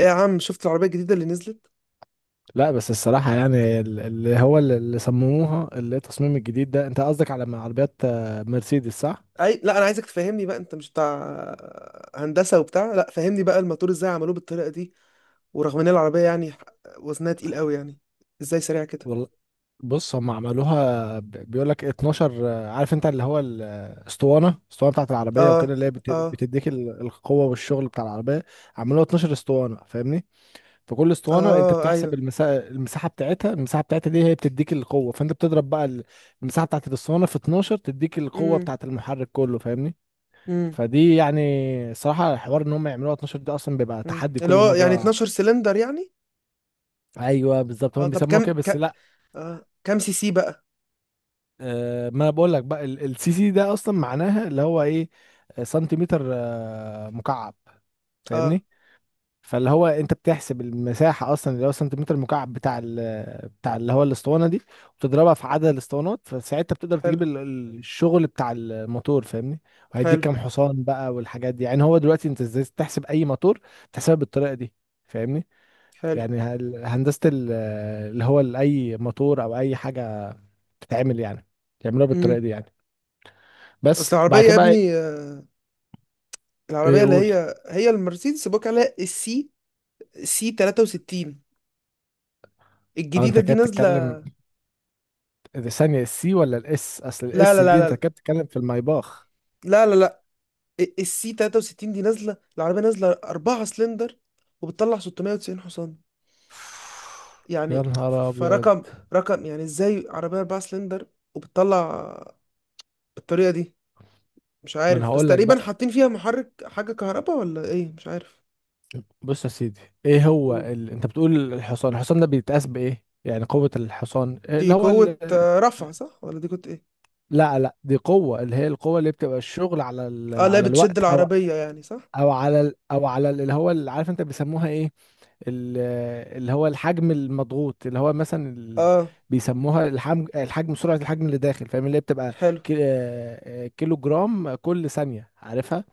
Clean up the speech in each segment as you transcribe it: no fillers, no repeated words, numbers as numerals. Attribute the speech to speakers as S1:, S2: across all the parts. S1: ايه يا عم، شفت العربية الجديدة اللي نزلت؟
S2: لا بس الصراحة يعني اللي صمموها اللي هي التصميم الجديد ده، انت قصدك على عربيات، مرسيدس، صح؟
S1: لا، أنا عايزك تفهمني بقى. أنت مش بتاع هندسة وبتاع؟ لا، فهمني بقى الموتور إزاي عملوه بالطريقة دي. ورغم إن العربية يعني وزنها تقيل قوي يعني، إزاي سريعة كده؟
S2: والله، بص، هم عملوها بيقول لك 12 عارف، انت اللي هو الاسطوانة، بتاعت العربية وكده،
S1: آه.
S2: اللي هي
S1: آه.
S2: بتديك القوة والشغل بتاع العربية. عملوها 12 اسطوانة، فاهمني؟ فكل اسطوانة انت
S1: آه، أيوه.
S2: بتحسب المساحة، بتاعتها دي هي بتديك القوة. فانت بتضرب بقى المساحة بتاعت الاسطوانة في 12، تديك القوة
S1: امم
S2: بتاعت المحرك كله، فاهمني؟
S1: امم
S2: فدي يعني صراحة، الحوار ان هم يعملوها 12 ده اصلا بيبقى
S1: امم
S2: تحدي
S1: اللي
S2: كل
S1: هو يعني
S2: مرة.
S1: 12 سلندر يعني؟
S2: ايوه بالظبط،
S1: آه،
S2: هم
S1: طب
S2: بيسموها كده، بس لا.
S1: آه، كم سي سي بقى؟
S2: آه، ما انا بقول لك بقى السي سي ده اصلا معناها اللي هو ايه. سنتيمتر مكعب،
S1: آه.
S2: فاهمني. فاللي هو انت بتحسب المساحة اصلا، اللي هو سنتيمتر مكعب بتاع ال بتاع اللي هو الاسطوانة دي، وتضربها في عدد الاسطوانات، فساعتها بتقدر
S1: حلو.
S2: تجيب الشغل بتاع الموتور، فاهمني. وهيديك
S1: حلو.
S2: كام حصان بقى والحاجات دي. يعني هو دلوقتي انت ازاي تحسب اي موتور؟ تحسبها بالطريقة دي، فاهمني.
S1: حلو.
S2: يعني هندسة أي موتور أو أي حاجة بتتعمل، يعني بيعملوها بالطريقة
S1: امم.
S2: دي يعني. بس
S1: أصل العربية
S2: بعد كده
S1: يا
S2: بقى إيه؟
S1: ابني آه،
S2: إيه،
S1: العربية اللي
S2: قول.
S1: هي المرسيدس بيقول عليها السي سي 63
S2: أه،
S1: الجديدة
S2: أنت
S1: دي
S2: كده
S1: نازلة.
S2: بتتكلم دي ثانية السي ولا الإس، أصل
S1: لا
S2: الإس
S1: لا
S2: دي
S1: لا
S2: أنت
S1: لا
S2: كده بتتكلم في الميباخ.
S1: لا لا لا السي 63 دي نازله. العربيه نازله 4 سلندر وبتطلع 690 حصان.
S2: يا
S1: يعني
S2: نهار أبيض.
S1: رقم، يعني ازاي عربيه 4 سلندر وبتطلع بالطريقه دي؟ مش
S2: ما أنا
S1: عارف، بس
S2: هقول لك
S1: تقريبا
S2: بقى،
S1: حاطين فيها محرك حاجه كهرباء ولا ايه، مش عارف.
S2: بص يا سيدي، إيه هو
S1: قول.
S2: ال... أنت بتقول الحصان، ده بيتقاس بإيه؟ يعني قوة الحصان
S1: دي
S2: اللي هو
S1: قوه
S2: ال...
S1: آه، رفع صح، ولا دي قوه ايه؟
S2: لا لا، دي قوة، اللي هي القوة اللي بتبقى الشغل على ال...
S1: اه، لا،
S2: على
S1: بتشد
S2: الوقت، أو
S1: العربيه يعني صح.
S2: اللي هو اللي، عارف انت بيسموها ايه، ال- اللي هو الحجم المضغوط، اللي هو مثلا ال...
S1: اه.
S2: بيسموها الحجم، سرعة الحجم اللي داخل، فاهم، اللي هي بتبقى
S1: حلو.
S2: كيلو جرام كل ثانية، عارفها.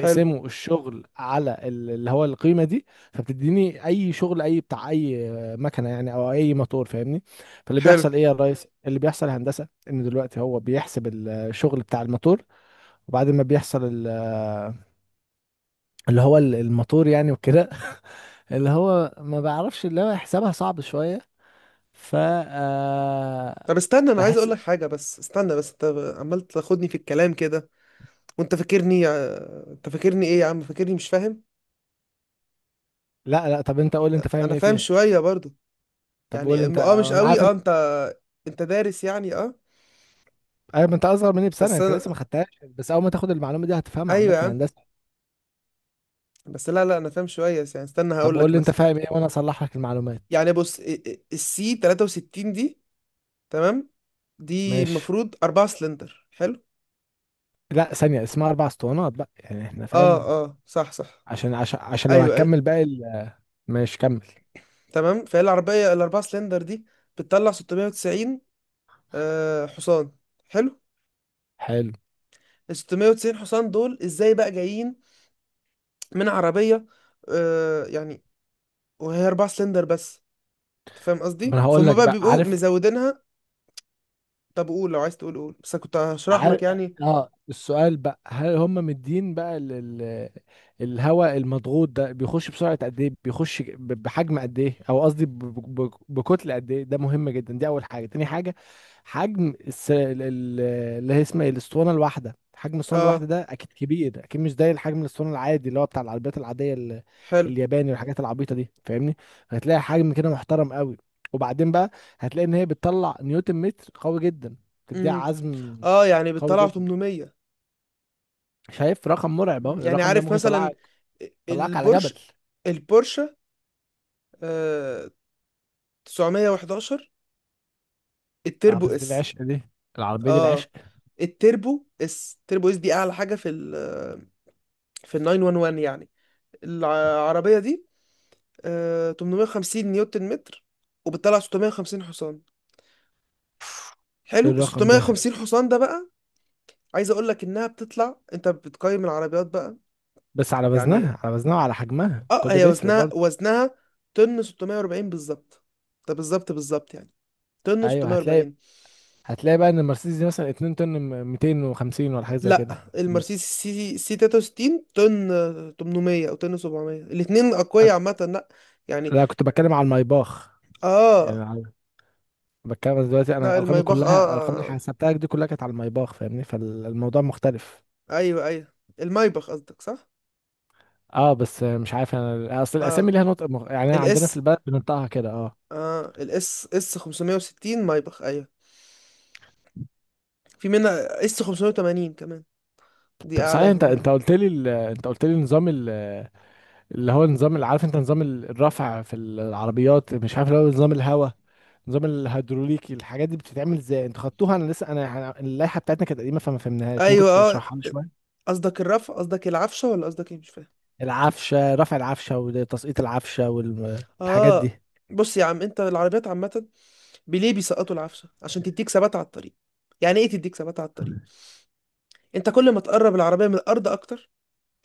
S1: حلو.
S2: الشغل على اللي هو القيمة دي. فبتديني اي شغل، اي بتاع، اي مكنة يعني او اي موتور، فاهمني. فاللي
S1: حلو.
S2: بيحصل ايه يا ريس، اللي بيحصل يا هندسة، ان دلوقتي هو بيحسب الشغل بتاع الموتور. وبعد ما بيحصل اللي هو الموتور يعني وكده، اللي هو ما بعرفش، اللي هو حسابها صعب شوية. ف آه،
S1: طب استنى، انا عايز اقول
S2: بحس.
S1: لك حاجه، بس استنى. بس انت عمال تاخدني في الكلام كده، وانت فاكرني آه، انت فاكرني ايه يا عم؟ فاكرني مش فاهم؟
S2: لا لا، طب انت قول لي انت فاهم
S1: انا
S2: ايه
S1: فاهم
S2: فيها.
S1: شويه برضو.
S2: طب قول لي
S1: يعني
S2: انت،
S1: اه، مش
S2: انا
S1: قوي.
S2: عارف
S1: اه،
S2: انت،
S1: انت دارس يعني، اه.
S2: عارف، انت اصغر مني بسنة،
S1: بس
S2: انت
S1: انا،
S2: لسه ما خدتهاش، بس اول ما تاخد المعلومة دي هتفهمها،
S1: ايوه
S2: عامة
S1: يا عم،
S2: هندسة.
S1: بس لا لا انا فاهم شويه يعني. استنى
S2: طب
S1: هقول
S2: قول
S1: لك
S2: لي انت
S1: مثلا.
S2: فاهم ايه وانا اصلح لك المعلومات.
S1: يعني بص، السي 63 دي، تمام، دي
S2: ماشي.
S1: المفروض أربعة سلندر، حلو.
S2: لا ثانية، اسمها اربع اسطوانات بقى يعني، احنا
S1: اه.
S2: فاهم.
S1: اه، صح صح.
S2: عشان لو
S1: ايوه، ايوه.
S2: هتكمل باقي ماشي، كمل.
S1: تمام، فهي العربيه الأربعة سلندر دي بتطلع 690 آه حصان. حلو.
S2: حلو.
S1: ال 690 حصان دول ازاي بقى جايين من عربية آه، يعني، وهي أربعة سلندر بس؟ أنت فاهم
S2: ما
S1: قصدي؟
S2: انا هقول
S1: فهم
S2: لك
S1: بقى،
S2: بقى،
S1: بيبقوا
S2: عارف.
S1: مزودينها. طب قول، لو عايز تقول قول، بس أنا كنت هشرح
S2: عار...
S1: لك يعني.
S2: اه، السؤال بقى، هل هم مدين بقى لل... الهواء المضغوط ده، بيخش بسرعة قد ايه، بيخش بحجم قد ايه، او قصدي بكتلة قد ايه. ده مهم جدا، دي اول حاجة. تاني حاجة، حجم الس... ال- ال- اللي هي اسمها إيه؟ الاسطوانة الواحدة، حجم الاسطوانة الواحدة
S1: اه.
S2: ده اكيد كبير، اكيد مش زي الحجم الاسطوانة العادي اللي هو بتاع العربيات العادية، ال...
S1: حلو.
S2: الياباني والحاجات العبيطة دي، فاهمني. هتلاقي حجم كده محترم قوي. وبعدين بقى، هتلاقي ان هي بتطلع نيوتن متر قوي جدا، تديها
S1: امم.
S2: عزم
S1: اه، يعني
S2: قوي
S1: بتطلع
S2: جدا.
S1: 800.
S2: شايف رقم مرعب اهو،
S1: مم. يعني
S2: الرقم ده
S1: عارف
S2: ممكن
S1: مثلا
S2: يطلعك، يطلعك على جبل.
S1: البورش، البورشة آه 911
S2: اه
S1: التربو
S2: بس دي
S1: اس.
S2: العشق، دي العربية دي
S1: اه،
S2: العشق.
S1: التربو اس، التربو اس دي اعلى حاجة في ال، في ال 911 يعني. العربية دي آه 850 نيوتن متر، وبتطلع 650 حصان. حلو،
S2: إيه
S1: ال
S2: الرقم ده؟
S1: 650 حصان ده بقى عايز اقول لك انها بتطلع. انت بتقيم العربيات بقى
S2: بس على
S1: يعني،
S2: وزنها، على وزنها وعلى حجمها، كل
S1: اه،
S2: ده
S1: هي
S2: بيفرق
S1: وزنها
S2: برضه.
S1: وزنها طن 640 بالظبط. ده بالظبط بالظبط يعني، طن
S2: ايوه، هتلاقي،
S1: 640.
S2: بقى ان المرسيدس دي مثلا 2 طن 250 ولا حاجة زي
S1: لا،
S2: كده، لا.
S1: المرسيدس سي سي 63 طن 800 او طن 700، الاثنين اقوياء عامه، لا يعني.
S2: لا، كنت بتكلم على المايباخ،
S1: اه،
S2: يعني بتكلم دلوقتي، انا
S1: لا
S2: ارقامي
S1: المايباخ اه،
S2: كلها، الارقام اللي
S1: آه،
S2: حسبتها دي كلها كانت على المايباخ، فاهمني، فالموضوع مختلف.
S1: آه، ايوه ايوه، المايباخ قصدك صح.
S2: اه، بس مش عارف انا، اصل
S1: اه
S2: الاسامي ليها نطق يعني، عندنا في
S1: الاس.
S2: البلد بننطقها كده. اه.
S1: اه الاس اس 560 مايباخ، ايوه. في منها اس 580 كمان، دي
S2: طب صحيح، انت
S1: اعلاهم
S2: انت
S1: يعني.
S2: قلت لي ال... انت قلت لي نظام ال... اللي هو نظام، اللي عارف انت، نظام الرفع في العربيات. مش عارف، اللي هو نظام الهواء، نظام الهيدروليكي، الحاجات دي بتتعمل ازاي؟ انتوا خدتوها؟ انا لسه، اللائحه بتاعتنا كانت قديمه، فما فهمناهاش، ممكن
S1: ايوه اه،
S2: تشرحها لي شويه.
S1: قصدك الرفع، قصدك العفشه، ولا قصدك ايه؟ مش فاهم.
S2: العفشه، رفع العفشه وتسقيط العفشه والحاجات دي.
S1: اه بص يا عم، انت العربيات عامه بليه بيسقطوا العفشه عشان تديك ثبات على الطريق. يعني ايه تديك ثبات على الطريق؟ انت كل ما تقرب العربيه من الارض اكتر،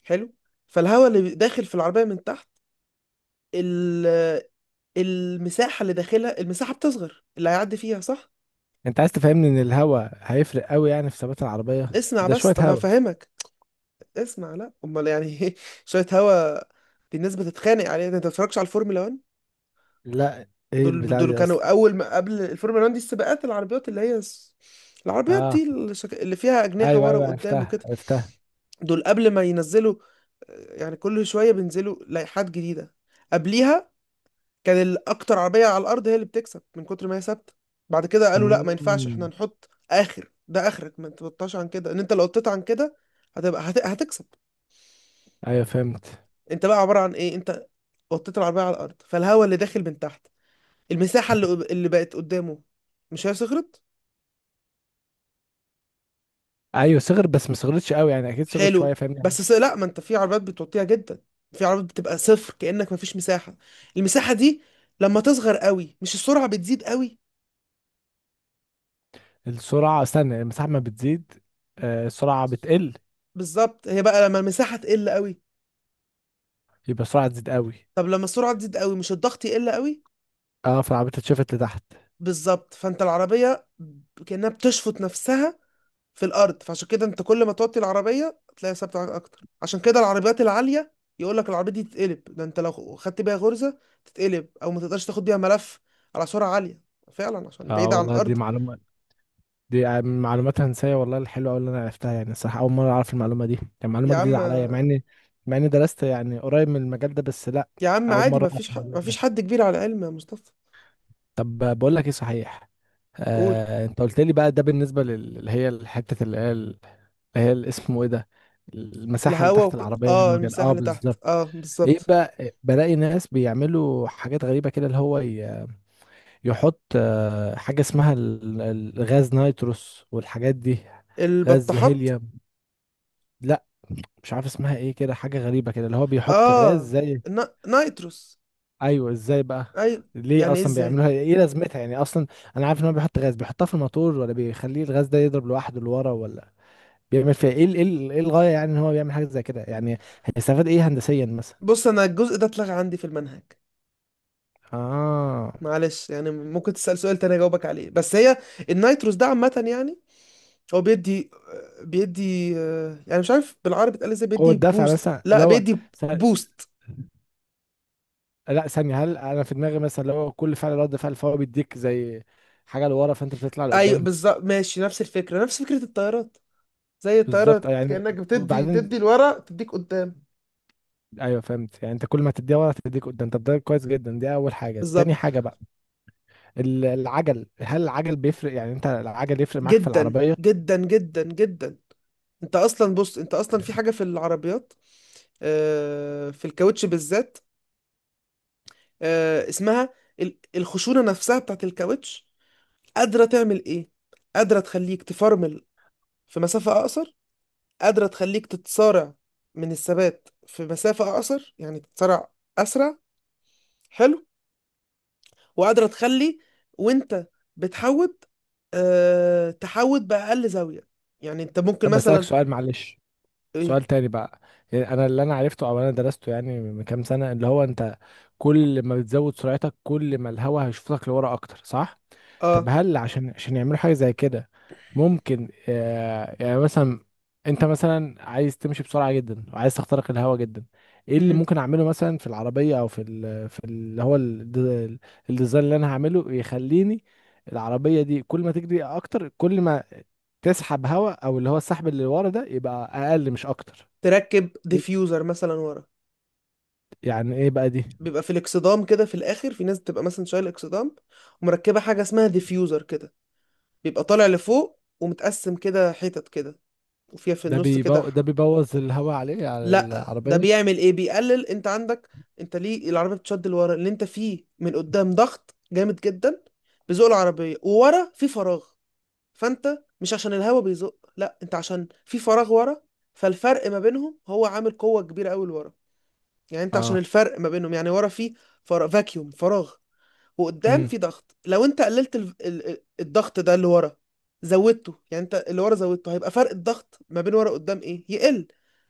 S1: حلو، فالهواء اللي داخل في العربيه من تحت، ال، المساحه اللي داخلها، المساحه بتصغر اللي هيعدي فيها، صح؟
S2: انت عايز تفهمني ان الهواء هيفرق قوي يعني في ثبات العربيه،
S1: اسمع
S2: ده
S1: بس،
S2: شويه
S1: طب ما
S2: هواء؟
S1: هفهمك. اسمع، لا، امال يعني إيه؟ شويه هوا؟ دي الناس بتتخانق عليها، ده انت ما بتتفرجش على الفورمولا 1.
S2: لا، ايه
S1: دول
S2: البتاع
S1: دول
S2: دي
S1: كانوا
S2: اصلا؟
S1: اول ما قبل الفورمولا 1 دي، السباقات العربيات اللي العربيات
S2: اه،
S1: دي اللي فيها اجنحه
S2: ايوه
S1: ورا
S2: ايوه،
S1: وقدام
S2: عرفتها
S1: وكده.
S2: عرفتها.
S1: دول قبل ما ينزلوا آه، يعني كل شويه بينزلوا لائحات جديده. قبليها كان الاكتر عربيه على الارض هي اللي بتكسب، من كتر ما هي ثابته. بعد كده قالوا لا، ما ينفعش، احنا
S2: امم.
S1: نحط اخر، ده اخرك، ما تبطاش عن كده، ان انت لو قطيت عن كده هتكسب.
S2: ايوه فهمت.
S1: انت بقى عباره عن ايه؟ انت وطيت العربيه على الارض، فالهواء اللي داخل من تحت، المساحه اللي بقت قدامه، مش هي صغرت؟
S2: ايوه صغر، بس ما صغرتش قوي يعني، اكيد صغرت
S1: حلو.
S2: شويه، فاهم يعني.
S1: لا، ما انت في عربيات بتوطيها جدا، في عربيات بتبقى صفر كانك ما فيش مساحه. المساحه دي لما تصغر قوي، مش السرعه بتزيد قوي؟
S2: السرعه استنى، المساحه ما بتزيد، السرعه بتقل.
S1: بالظبط. هي بقى لما المساحه تقل قوي،
S2: يبقى السرعه تزيد قوي.
S1: طب لما السرعه تزيد قوي، مش الضغط يقل قوي؟
S2: اه، فالعربية اتشفت لتحت.
S1: بالظبط، فانت العربيه كانها بتشفط نفسها في الارض. فعشان كده انت كل ما توطي العربيه تلاقي ثابته معاك اكتر. عشان كده العربيات العاليه يقول لك العربيه دي تتقلب، ده انت لو خدت بيها غرزه تتقلب، او ما تقدرش تاخد بيها ملف على سرعه عاليه، فعلا عشان
S2: اه
S1: بعيده عن
S2: والله، دي
S1: الارض.
S2: معلومه، دي من معلومات هندسيه والله الحلوه قوي اللي انا عرفتها يعني، الصراحه اول مره اعرف المعلومه دي، كان معلومه
S1: يا
S2: جديده
S1: عم،
S2: عليا، مع اني، درست يعني قريب من المجال ده، بس لا.
S1: يا عم
S2: اول
S1: عادي،
S2: مره اعرف الموضوع
S1: ما فيش
S2: ده.
S1: حد كبير على العلم يا مصطفى.
S2: طب بقول لك ايه، صحيح،
S1: قول.
S2: انت قلت لي بقى ده بالنسبه اللي هي الحته اللي هي اسمه ايه ده، المساحه اللي تحت العربيه يعني
S1: اه،
S2: وكده،
S1: المساحه
S2: اه
S1: اللي تحت،
S2: بالظبط.
S1: اه
S2: ايه
S1: بالظبط.
S2: بقى، بلاقي ناس بيعملوا حاجات غريبة كده، اللي هو يحط حاجة اسمها غاز نيتروس والحاجات دي، غاز
S1: البطاحات.
S2: هيليوم. لا، مش عارف اسمها ايه كده، حاجة غريبة كده، اللي هو بيحط غاز
S1: اه،
S2: زي.
S1: نايتروس.
S2: ايوه، ازاي بقى؟
S1: اي.
S2: ليه
S1: يعني ايه
S2: اصلا
S1: ازاي؟
S2: بيعملوها؟ ايه لازمتها يعني اصلا؟ انا عارف ان هو بيحط غاز، بيحطها في الموتور، ولا بيخليه الغاز ده يضرب لوحده لورا، ولا بيعمل فيها ايه، إيه الغاية يعني ان هو بيعمل حاجة زي كده يعني، هيستفاد ايه هندسيا مثلا؟
S1: بص انا الجزء ده اتلغى عندي في المنهج.
S2: اه
S1: معلش يعني، ممكن تسأل سؤال تاني اجاوبك عليه. بس هي النيتروس ده عامة يعني هو بيدي آه، يعني مش عارف بالعربي اتقال ازاي،
S2: قوة
S1: بيدي
S2: دفع
S1: بوست.
S2: مثلا، اللي
S1: لا،
S2: هو.
S1: بيدي بوست.
S2: لا ثانية، هل انا في دماغي مثلا، لو كل فعل رد فعل، فهو بيديك زي حاجة لورا، فانت بتطلع
S1: ايوه
S2: لقدام.
S1: بالظبط، ماشي، نفس الفكرة، نفس فكرة الطيارات. زي
S2: بالظبط
S1: الطيارة
S2: يعني،
S1: كأنك تدي
S2: وبعدين،
S1: لورا، تديك قدام.
S2: ايوه فهمت يعني، انت كل ما تديها ورا تديك قدام. طب ده كويس جدا، دي اول حاجة. تاني
S1: بالظبط.
S2: حاجة بقى، العجل، هل العجل بيفرق يعني، انت العجل يفرق معاك في
S1: جدا
S2: العربية؟
S1: جدا جدا جدا. انت اصلا بص، انت اصلا في حاجة في العربيات آه، في الكاوتش بالذات آه، اسمها الخشونة نفسها بتاعت الكاوتش، قادرة تعمل إيه؟ قادرة تخليك تفرمل في مسافة أقصر، قادرة تخليك تتسارع من الثبات في مسافة أقصر، يعني تتسارع أسرع. حلو. وقادرة تخلي وأنت بتحود تحود بأقل زاوية، يعني أنت ممكن
S2: طب بسألك
S1: مثلا،
S2: سؤال معلش،
S1: إيه؟
S2: سؤال تاني بقى، يعني انا اللي انا عرفته او انا درسته يعني من كام سنة، اللي هو انت كل ما بتزود سرعتك، كل ما الهوا هيشوفك لورا اكتر، صح؟ طب
S1: آه.
S2: هل عشان يعملوا حاجة زي كده، ممكن يعني مثلا، انت مثلا عايز تمشي بسرعة جدا، وعايز تخترق الهواء جدا، ايه اللي
S1: مم.
S2: ممكن اعمله مثلا في العربية، او في ال في اللي هو الديزاين اللي انا هعمله، يخليني العربية دي كل ما تجري اكتر، كل ما تسحب هواء، او اللي هو السحب اللي ورا ده يبقى اقل مش اكتر.
S1: تركب
S2: إيه-
S1: ديفيوزر مثلا ورا.
S2: يعني ايه بقى دي؟
S1: بيبقى في الاكسدام كده في الآخر، في ناس بتبقى مثلا شايلة اكسدام ومركبة حاجة اسمها ديفيوزر كده، بيبقى طالع لفوق ومتقسم كده حتت كده، وفيها في النص كده
S2: ده بيبوظ الهواء عليه على
S1: لا، ده
S2: العربية.
S1: بيعمل ايه، بيقلل. انت عندك، انت ليه العربيه بتشد لورا؟ اللي انت فيه من قدام ضغط جامد جدا بيزق العربيه، وورا في فراغ. فانت مش عشان الهوا بيزق، لا، انت عشان في فراغ ورا، فالفرق ما بينهم هو عامل قوه كبيره قوي لورا. يعني انت، عشان
S2: اه،
S1: الفرق ما بينهم يعني، ورا في فراغ، فاكيوم، فراغ، وقدام
S2: امم.
S1: في ضغط. لو انت قللت الضغط ده اللي ورا، زودته يعني، انت اللي ورا زودته، هيبقى فرق الضغط ما بين ورا قدام ايه؟ يقل،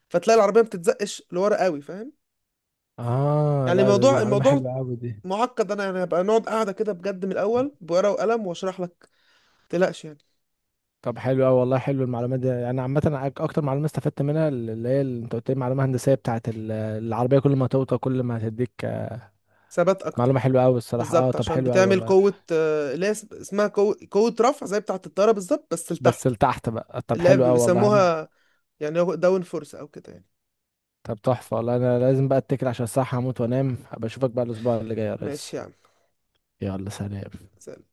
S1: فتلاقي العربيه ما بتتزقش لورا قوي، فاهم؟
S2: اه،
S1: يعني
S2: لا، ده دي
S1: الموضوع،
S2: معلومة حلوة قوي دي.
S1: معقد، انا يعني هبقى نقعد قاعده كده بجد من الاول بورقه وقلم واشرح لك، ما تقلقش يعني.
S2: طب حلو أوي والله، حلو المعلومات دي يعني، عامة أنا أكتر معلومة استفدت منها، اللي هي اللي أنت قلت لي، معلومة هندسية بتاعة العربية، كل ما توطى كل ما هتديك،
S1: ثبات
S2: معلومة
S1: اكتر،
S2: حلوة أوي الصراحة. أه،
S1: بالظبط،
S2: طب
S1: عشان
S2: حلو أوي
S1: بتعمل
S2: والله.
S1: قوه آه، اللي هي اسمها قوه، قوة رفع زي بتاعه الطياره بالظبط بس
S2: بس
S1: لتحت.
S2: لتحت بقى، طب
S1: اللي هي
S2: حلو أوي والله أنا.
S1: بيسموها يعني داون فورس او كده يعني.
S2: طب تحفة والله، أنا لازم بقى أتكل عشان الصحة، هموت وأنام، أبقى أشوفك بقى الأسبوع اللي جاي يا ريس.
S1: ماشي يا
S2: يلا، سلام.
S1: عم.